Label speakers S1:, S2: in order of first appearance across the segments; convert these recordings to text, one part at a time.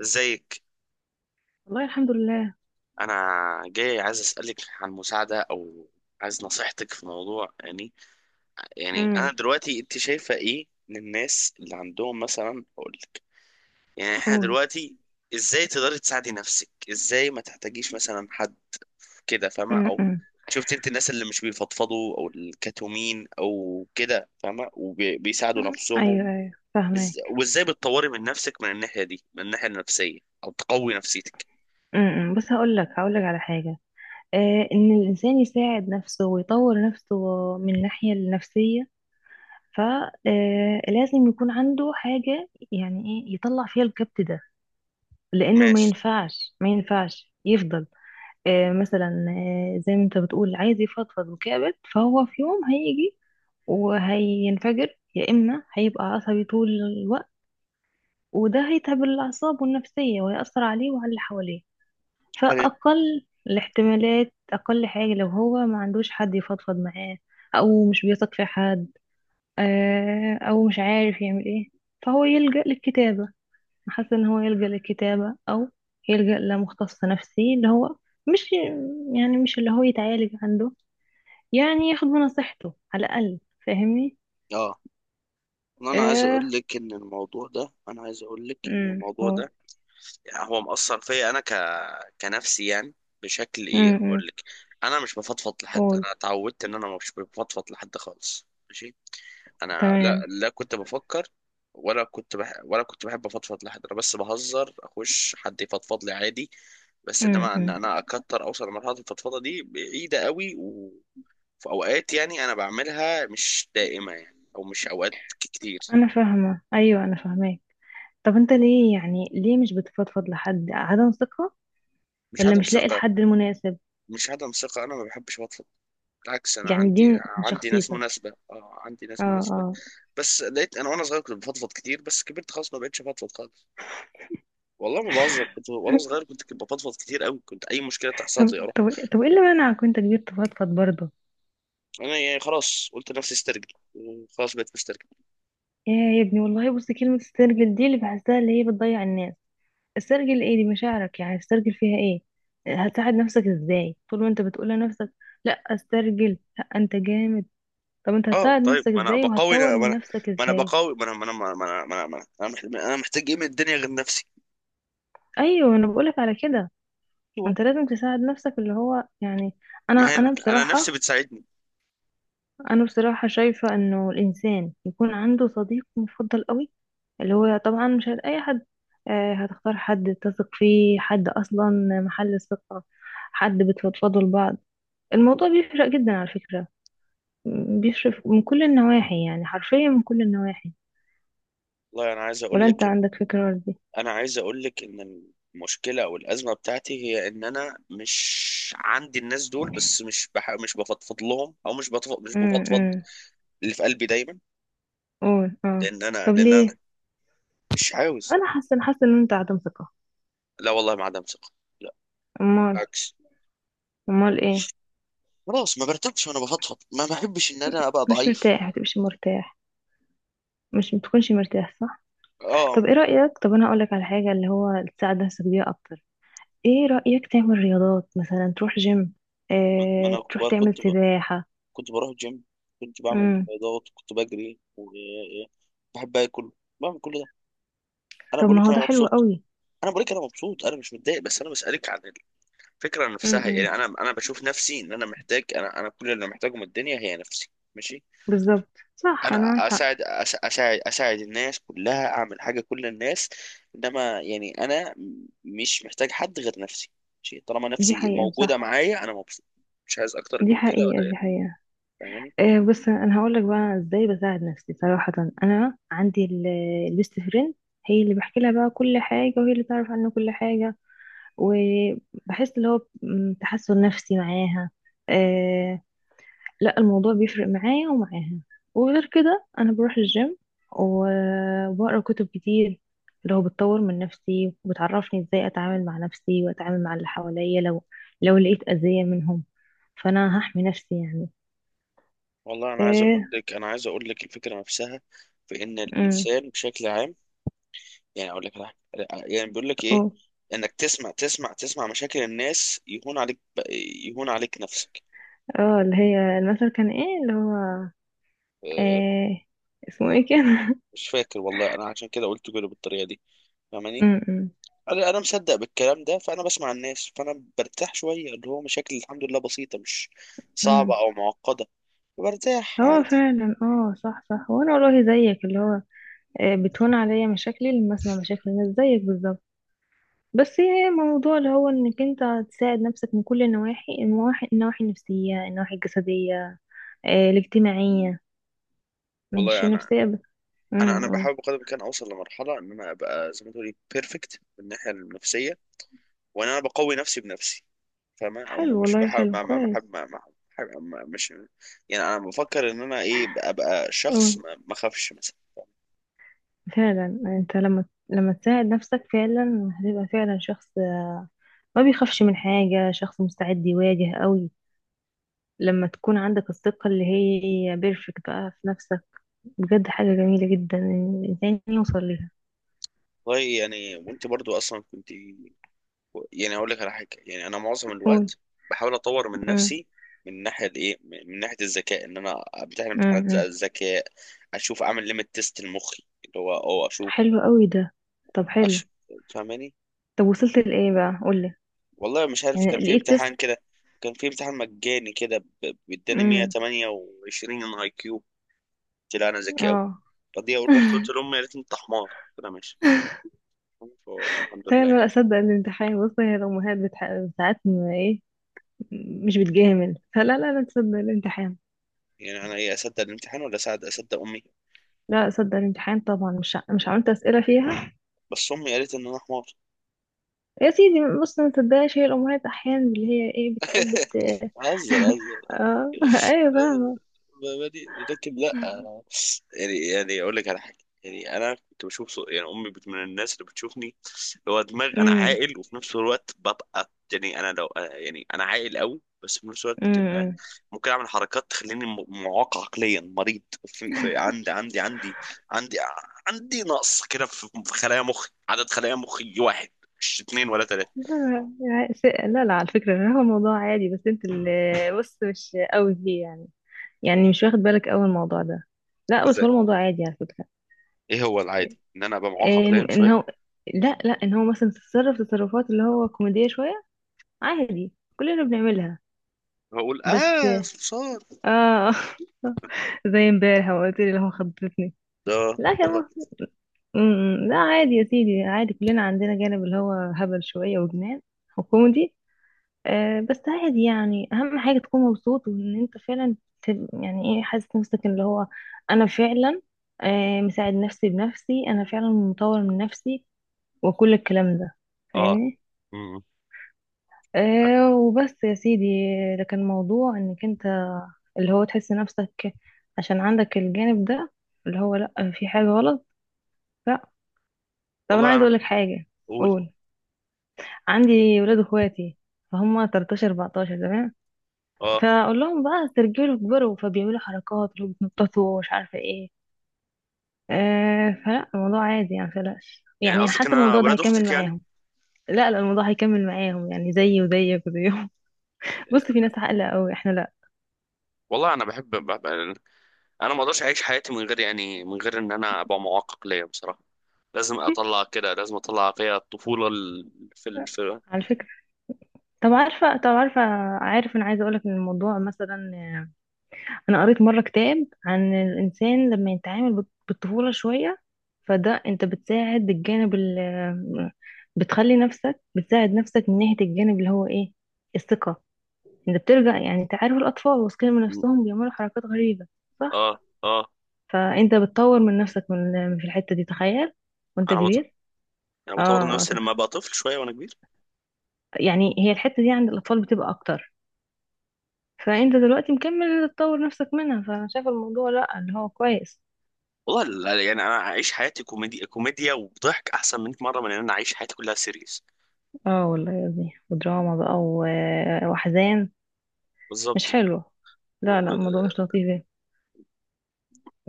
S1: ازيك؟
S2: والله الحمد لله.
S1: انا جاي عايز اسالك عن مساعده او عايز نصيحتك في موضوع، يعني
S2: امم.
S1: انا دلوقتي انت شايفه ايه من الناس اللي عندهم، مثلا اقول لك، يعني احنا
S2: قول.
S1: دلوقتي ازاي تقدري تساعدي نفسك، ازاي ما تحتاجيش مثلا حد، كده فاهمه؟ او
S2: امم.
S1: شفت انت الناس اللي مش بيفضفضوا او الكتومين او كده فاهمه وبيساعدوا
S2: ايوه
S1: نفسهم؟
S2: ايوه
S1: إز-
S2: فاهمك.
S1: وازاي بتطوري من نفسك من الناحيه دي، من الناحيه النفسيه او تقوي نفسيتك؟
S2: بس هقول لك على حاجه. ان الانسان يساعد نفسه ويطور نفسه من ناحيه النفسيه، فلازم يكون عنده حاجه، يعني ايه يطلع فيها الكبت ده. لانه ما
S1: ماشي.
S2: ينفعش ما ينفعش يفضل. مثلا، زي ما انت بتقول، عايز يفضفض وكابت، فهو في يوم هيجي وهينفجر، يا اما هيبقى عصبي طول الوقت. وده هيتعب الأعصاب والنفسية ويأثر عليه وعلى اللي حواليه.
S1: هل
S2: فأقل الاحتمالات، أقل حاجة، لو هو ما عندوش حد يفضفض معاه أو مش بيثق في حد، أو مش عارف يعمل إيه، فهو يلجأ للكتابة. حاسة إن هو يلجأ للكتابة، أو يلجأ لمختص نفسي اللي هو مش، يعني مش اللي هو يتعالج عنده، يعني ياخد بنصيحته على الأقل. فاهمني؟
S1: اه، انا عايز اقول
S2: آه.
S1: لك ان الموضوع ده، انا عايز اقول لك ان
S2: أمم.
S1: الموضوع
S2: قول.
S1: ده يعني هو مأثر فيا انا كنفسي، يعني بشكل ايه
S2: أمم، أمم.
S1: هقول لك. انا مش بفضفض لحد،
S2: قول.
S1: انا اتعودت ان انا مش بفضفض لحد خالص. ماشي. انا لا
S2: تمام
S1: لا كنت بفكر ولا كنت بحب افضفض لحد، انا بس بهزر، اخش حد يفضفض لي عادي، بس
S2: أمم،
S1: انما ان
S2: أمم.
S1: انا اكتر اوصل لمرحله الفضفضه دي بعيده قوي. وفي اوقات يعني انا بعملها، مش دائمه يعني او مش اوقات كتير.
S2: انا فاهمه، ايوه، انا فاهماك. طب انت ليه، يعني ليه مش بتفضفض لحد؟ عدم ثقه
S1: مش
S2: ولا
S1: عدم
S2: مش لاقي
S1: ثقة
S2: الحد المناسب؟
S1: مش عدم ثقة. أنا ما بحبش بطلب. بالعكس، أنا
S2: يعني دي
S1: عندي،
S2: من
S1: عندي ناس
S2: شخصيتك؟
S1: مناسبة، أه عندي
S2: اه،
S1: ناس مناسبة،
S2: اه.
S1: بس لقيت أنا وأنا صغير كنت بفضفض كتير، بس كبرت خلاص ما بقتش بفضفض خالص. والله ما بهزر، كنت وأنا صغير كنت بفضفض كتير أوي، كنت أي مشكلة تحصل
S2: طب
S1: لي أروح.
S2: طب طب ايه اللي منعك وانت كبير تفضفض برضه؟
S1: أنا يعني خلاص قلت لنفسي استرجل، وخلاص بقيت مسترجل.
S2: يا ابني، والله بص، كلمه استرجل دي اللي بحسها اللي هي بتضيع الناس. استرجل ايه؟ دي مشاعرك، يعني استرجل فيها ايه؟ هتساعد نفسك ازاي طول ما انت بتقول لنفسك لا استرجل، لا انت جامد؟ طب انت
S1: أه
S2: هتساعد
S1: طيب،
S2: نفسك ازاي وهتطور من نفسك
S1: ما أنا
S2: ازاي؟
S1: بقاوي، ما أنا ما أنا ما أنا ما أنا ما أنا أنا أنا محتاج إيه من الدنيا غير نفسي؟
S2: ايوه، انا بقولك على كده. ما
S1: أيوة.
S2: انت لازم تساعد نفسك، اللي هو يعني. انا
S1: ما هي
S2: انا
S1: أنا نفسي
S2: بصراحة،
S1: بتساعدني.
S2: انا بصراحة شايفة انه الانسان يكون عنده صديق مفضل قوي، اللي هو طبعا مش هت- اي حد. هتختار حد تثق فيه، حد اصلا محل الثقة، حد بتفضفضوا لبعض. الموضوع بيفرق جدا على فكرة. بيفرق من كل النواحي، يعني حرفيا من كل النواحي.
S1: والله أنا عايز أقول
S2: ولا انت
S1: لك،
S2: عندك فكرة دي؟
S1: انا عايز اقول لك ان المشكله او الازمه بتاعتي هي ان انا مش عندي الناس دول، بس مش بفضفض لهم، او مش
S2: امم،
S1: بفضفض اللي في قلبي دايما.
S2: قول، اه.
S1: لان
S2: طب
S1: انا
S2: ليه؟
S1: مش عاوز.
S2: انا حاسة ان انت عدم ثقة.
S1: لا والله، ما عدم ثقه. لا،
S2: امال؟
S1: بالعكس.
S2: امال ايه؟
S1: خلاص ما برتاحش وانا بفضفض، ما بحبش ان انا ابقى
S2: مش
S1: ضعيف.
S2: مرتاح، ما تبقاش مرتاح، مش بتكونش مرتاح، صح؟
S1: اه.
S2: طب ايه رأيك، طب انا هقول لك على حاجة اللي هو تساعد نفسك بيها اكتر. ايه رأيك تعمل رياضات، مثلا تروح جيم،
S1: ما
S2: اه
S1: انا
S2: تروح
S1: ب-
S2: تعمل
S1: كنت ب...
S2: سباحة؟
S1: كنت بروح جيم، كنت بعمل
S2: امم.
S1: رياضات، كنت بجري وبحب اكل، بعمل كل ده. انا
S2: طب
S1: بقول
S2: ما
S1: لك
S2: هو
S1: انا
S2: ده حلو
S1: مبسوط.
S2: قوي.
S1: انا بقول لك انا مبسوط، انا مش متضايق، بس انا بسالك عن الفكرة نفسها يعني.
S2: امم
S1: أنا بشوف نفسي إن أنا محتاج، أنا كل اللي محتاجه من الدنيا هي نفسي. ماشي.
S2: بالظبط، صح، انا
S1: أنا
S2: معاك حق.
S1: أساعد الناس كلها، أعمل حاجة كل الناس. إنما يعني أنا مش محتاج حد غير نفسي. ماشي، طالما
S2: دي
S1: نفسي
S2: حقيقة،
S1: موجودة
S2: صح.
S1: معايا أنا مبسوط، مش عايز أكتر
S2: دي
S1: من كده
S2: حقيقة،
S1: ولا إيه؟
S2: دي حقيقة.
S1: فاهماني.
S2: بس انا هقول لك بقى ازاي بساعد نفسي صراحة. انا البيست فريند هي اللي بحكي لها بقى كل حاجة، وهي اللي تعرف عني كل حاجة. وبحس اللي هو تحسن نفسي معاها. آه. لا الموضوع بيفرق معايا ومعاها. وغير كده انا بروح الجيم و- وبقرا كتب كتير، اللي هو بتطور من نفسي وبتعرفني ازاي اتعامل مع نفسي واتعامل مع اللي حواليا، لو لقيت اذية منهم، فانا هحمي نفسي يعني.
S1: والله أنا عايز أقول
S2: ايه؟
S1: لك، الفكرة نفسها في إن
S2: امم،
S1: الإنسان بشكل عام، يعني أقول لك على حاجة. يعني بيقول لك إيه،
S2: اه،
S1: إنك تسمع تسمع مشاكل الناس يهون عليك، يهون عليك نفسك.
S2: اه، اللي هي المثل كان ايه اللي هو؟
S1: آه،
S2: ايه اسمه ايه كان؟
S1: مش فاكر والله. انا عشان كده قلت كده بالطريقه دي. فاهماني؟ انا مصدق بالكلام ده، فانا بسمع الناس فانا برتاح شويه، اللي هو مشاكل الحمد لله بسيطه، مش صعبه
S2: امم.
S1: او معقده، برتاح
S2: هو
S1: عادي.
S2: فعلا اه، صح، صح. وانا والله زيك اللي هو، بتهون عليا مشاكلي لما اسمع مشاكل الناس زيك بالظبط. بس هي موضوع اللي هو انك انت تساعد نفسك من كل النواحي، النواحي النفسية، النواحي الجسدية، الاجتماعية، مش
S1: والله انا،
S2: النفسية بس. امم، اه.
S1: بحاول بقدر الامكان اوصل لمرحله ان انا ابقى زي ما تقولي بيرفكت من الناحيه النفسيه، وان انا بقوي نفسي بنفسي، فاهمه؟ او
S2: حلو
S1: مش
S2: والله،
S1: بحاول
S2: حلو كويس.
S1: مش، يعني انا بفكر ان انا ايه، ابقى، أبقى
S2: اه
S1: شخص ما اخافش مثلا.
S2: فعلا، انت لما تساعد نفسك فعلا هتبقى فعلا شخص ما بيخافش من حاجة، شخص مستعد يواجه قوي. لما تكون عندك الثقة اللي هي بيرفكت بقى في نفسك، بجد حاجة جميلة جدا إن الإنسان يوصل ليها.
S1: والله يعني، وانت برضو اصلا كنت، يعني هقول لك على حاجه. يعني انا معظم
S2: قول.
S1: الوقت بحاول اطور من
S2: أمم،
S1: نفسي من ناحيه الايه، من ناحيه الذكاء، ان انا امتحن
S2: أمم،
S1: امتحانات
S2: أمم.
S1: الذكاء، اشوف، اعمل ليميت تيست لمخي، اللي هو اه اشوف
S2: حلو قوي ده. طب حلو.
S1: أش... فاهماني؟
S2: طب وصلت لإيه بقى؟ قولي.
S1: والله مش عارف، كان
S2: يعني
S1: في
S2: لقيت تيست؟
S1: امتحان كده، كان في امتحان مجاني كده بيداني
S2: امم.
S1: 128 اي كيو. قلت لا انا ذكي قوي.
S2: اه.
S1: فدي رحت قلت لهم، يا ريت انت حمار، قلت لها ماشي. فقلت الحمد
S2: لا
S1: لله.
S2: لا لا، صدق الامتحان. بص هي الأمهات بتح... ساعات ما إيه، مش بتجامل، فلا لا لا، تصدق الامتحان.
S1: يعني انا ايه، اصدق الامتحان ولا اصدق امي؟
S2: لا صدق الامتحان طبعا. مش عملت أسئلة فيها؟
S1: بس امي قالت ان انا حمار.
S2: يا سيدي، بص، ما تصدقش. هي الأمهات أحيانا اللي هي إيه، بتحب ت...
S1: هزر، هزر،
S2: اه أيوة،
S1: هزر.
S2: فاهمة.
S1: ما- ما دي- لكن لا أنا- يعني، اقول لك على حاجه. يعني انا كنت بشوف يعني امي من الناس اللي بتشوفني اللي هو دماغ، انا عاقل، وفي نفس الوقت ببقى، يعني انا لو، يعني انا عاقل قوي، بس في نفس الوقت بتبقى
S2: امم.
S1: ممكن اعمل حركات تخليني معاق عقليا، مريض في، في، عندي عندي نقص كده في خلايا مخي، عدد خلايا مخي واحد، مش اتنين ولا تلاته.
S2: لا لا لا لا، على فكرة، هو موضوع عادي، بس انت اللي بص مش قوي فيه يعني. يعني مش واخد بالك قوي الموضوع ده. لا بس هو الموضوع عادي على فكرة.
S1: ايه هو العادي؟ ان انا ابقى معقق
S2: ان
S1: لايم
S2: إن
S1: شويه؟
S2: هو، لا لا، ان هو مثلا تتصرف تصرفات اللي هو كوميدية شوية، عادي كلنا بنعملها.
S1: هقول
S2: بس
S1: اه صرصار
S2: اه زي امبارح ما قلت لي اللي هو خضتني.
S1: ده؟
S2: لا يا
S1: والله.
S2: ما. لا عادي يا سيدي، عادي كلنا عندنا جانب اللي هو هبل شوية وجنان وكوميدي. بس عادي يعني. اهم حاجه تكون مبسوط وان انت فعلا يعني ايه، حاسس نفسك اللي هو انا فعلا، مساعد نفسي بنفسي، انا فعلا مطور من نفسي وكل الكلام ده.
S1: اه.
S2: فاهمني؟
S1: مم.
S2: وبس يا سيدي. لكن موضوع انك انت اللي هو تحس نفسك عشان عندك الجانب ده اللي هو، لا، في حاجه غلط، لا. طب انا
S1: والله
S2: عايز
S1: انا،
S2: اقول لك حاجه.
S1: اقول.
S2: قول. عندي ولاد اخواتي، فهم 13 14، تمام؟
S1: اه.
S2: فاقول لهم بقى استرجلوا، كبروا، فبيعملوا حركات اللي هو بيتنططوا ومش عارفه ايه. فلا الموضوع عادي يعني، متقلقش،
S1: يعني
S2: يعني
S1: قصدك
S2: حاسه
S1: ان انا
S2: الموضوع ده
S1: ولاد
S2: هيكمل
S1: اختك يعني؟
S2: معاهم. لا لا، الموضوع هيكمل معاهم، يعني زيي وزيك وزيهم. بص في ناس عاقله قوي، احنا لا.
S1: والله انا بحب انا ما اقدرش اعيش حياتي من غير، يعني من غير ان انا ابقى معقق ليا بصراحه. لازم اطلع كده، لازم اطلع فيها الطفوله في،
S2: على فكره. طب عارفه. عارف انا عايزه اقولك ان الموضوع مثلا، انا قريت مره كتاب عن الانسان لما يتعامل بالطفوله شويه. فده انت بتساعد بالجانب ال، بتخلي نفسك بتساعد نفسك من ناحيه الجانب اللي هو ايه؟ الثقه. انت بترجع، يعني انت عارف الاطفال واثقين من نفسهم بيعملوا حركات غريبه، صح؟
S1: اه اه.
S2: فانت بتطور من نفسك من في الحته دي، تخيل، وانت
S1: انا بط...
S2: كبير.
S1: انا بطور من
S2: اه
S1: نفسي لما
S2: تخ-
S1: ابقى طفل شويه وانا كبير.
S2: يعني هي الحته دي عند الاطفال بتبقى اكتر، فانت دلوقتي مكمل تطور نفسك منها. فانا شايفه الموضوع لا، اللي هو كويس.
S1: والله يعني انا اعيش حياتي كوميديا، كوميديا وضحك احسن 100 مره من ان انا اعيش حياتي كلها سيريس.
S2: اه والله يا ابني، ودراما بقى واحزان، مش
S1: بالظبط.
S2: حلو. لا لا، الموضوع
S1: ايوه.
S2: مش لطيف يعني.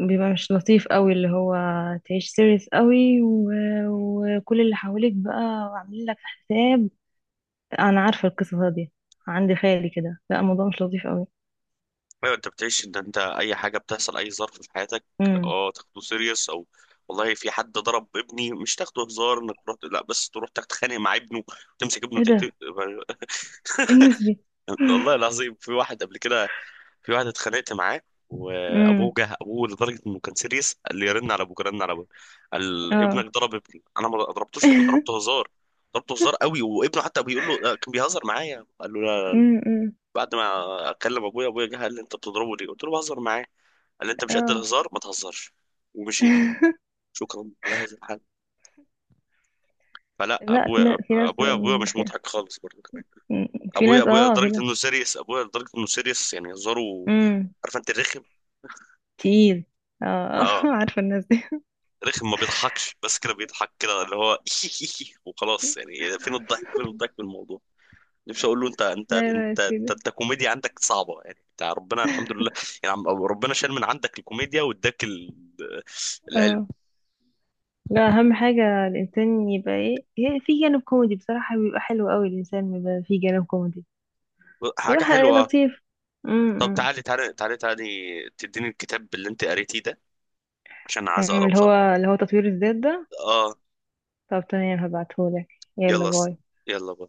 S2: بيبقى مش لطيف قوي اللي هو تعيش سيريس قوي و... وكل اللي حواليك بقى عاملين لك حساب. انا عارفه القصه دي، عندي خالي كده. لا الموضوع مش لطيف قوي.
S1: انت بتعيش ان انت اي حاجه بتحصل، اي ظرف في حياتك،
S2: امم.
S1: اه تاخده سيريس؟ او والله في حد ضرب ابني مش تاخده هزار انك تروح، لا، بس تروح تتخانق مع ابنه، تمسك ابنه
S2: ايه
S1: تقتل.
S2: ده؟ إيه الناس دي؟
S1: والله العظيم، في واحد قبل كده، في واحد اتخانقت معاه، وابوه
S2: امم،
S1: جه، ابوه لدرجه انه كان سيريس، قال لي رن على ابوك، رن على ابوك. قال ابنك
S2: اه
S1: ضرب ابني. انا ما ضربتوش، ضربته هزار، ضربته هزار قوي، وابنه حتى بيقول له آه، كان بيهزر معايا، قال له لا.
S2: امم، أمم.
S1: بعد ما اكلم ابويا، ابويا جه قال لي انت بتضربه ليه؟ قلت له بهزر معاه. قال لي انت مش قد
S2: اه
S1: الهزار ما تهزرش. ومشيت. شكرا على هذا الحل. فلا
S2: لا في ناس،
S1: ابويا،
S2: في ناس أم،
S1: مش
S2: في,
S1: مضحك خالص برضه كمان.
S2: أم، في
S1: ابويا
S2: ناس،
S1: ابويا
S2: في
S1: لدرجه
S2: ناس.
S1: انه سيريس، يعني هزاره،
S2: امم.
S1: عارف انت الرخم؟
S2: تقيل. اه
S1: اه،
S2: عارفه الناس دي.
S1: رخم ما بيضحكش، بس كده بيضحك كده اللي هو وخلاص. يعني فين الضحك، فين الضحك في الموضوع؟ نفسي اقول له انت،
S2: لا لا يا سيدي.
S1: انت كوميديا عندك صعبه يعني. انت ربنا الحمد لله، يعني ربنا شال من عندك الكوميديا واداك
S2: اه.
S1: العلم.
S2: لا اهم حاجة الانسان يبقى ايه، هي في جانب كوميدي بصراحة، بيبقى حلو قوي الانسان بيبقى في جانب كوميدي، بيبقى
S1: حاجه
S2: ح-
S1: حلوه.
S2: لطيف.
S1: طب
S2: امم.
S1: تعالي، تديني الكتاب اللي انت قريتيه ده، عشان عايز
S2: تمام،
S1: اقراه
S2: اللي هو
S1: بصراحة.
S2: اللي هو تطوير الذات ده.
S1: اه.
S2: طب تمام، هبعتهولك. يلا
S1: يلا.
S2: باي.
S1: يلا.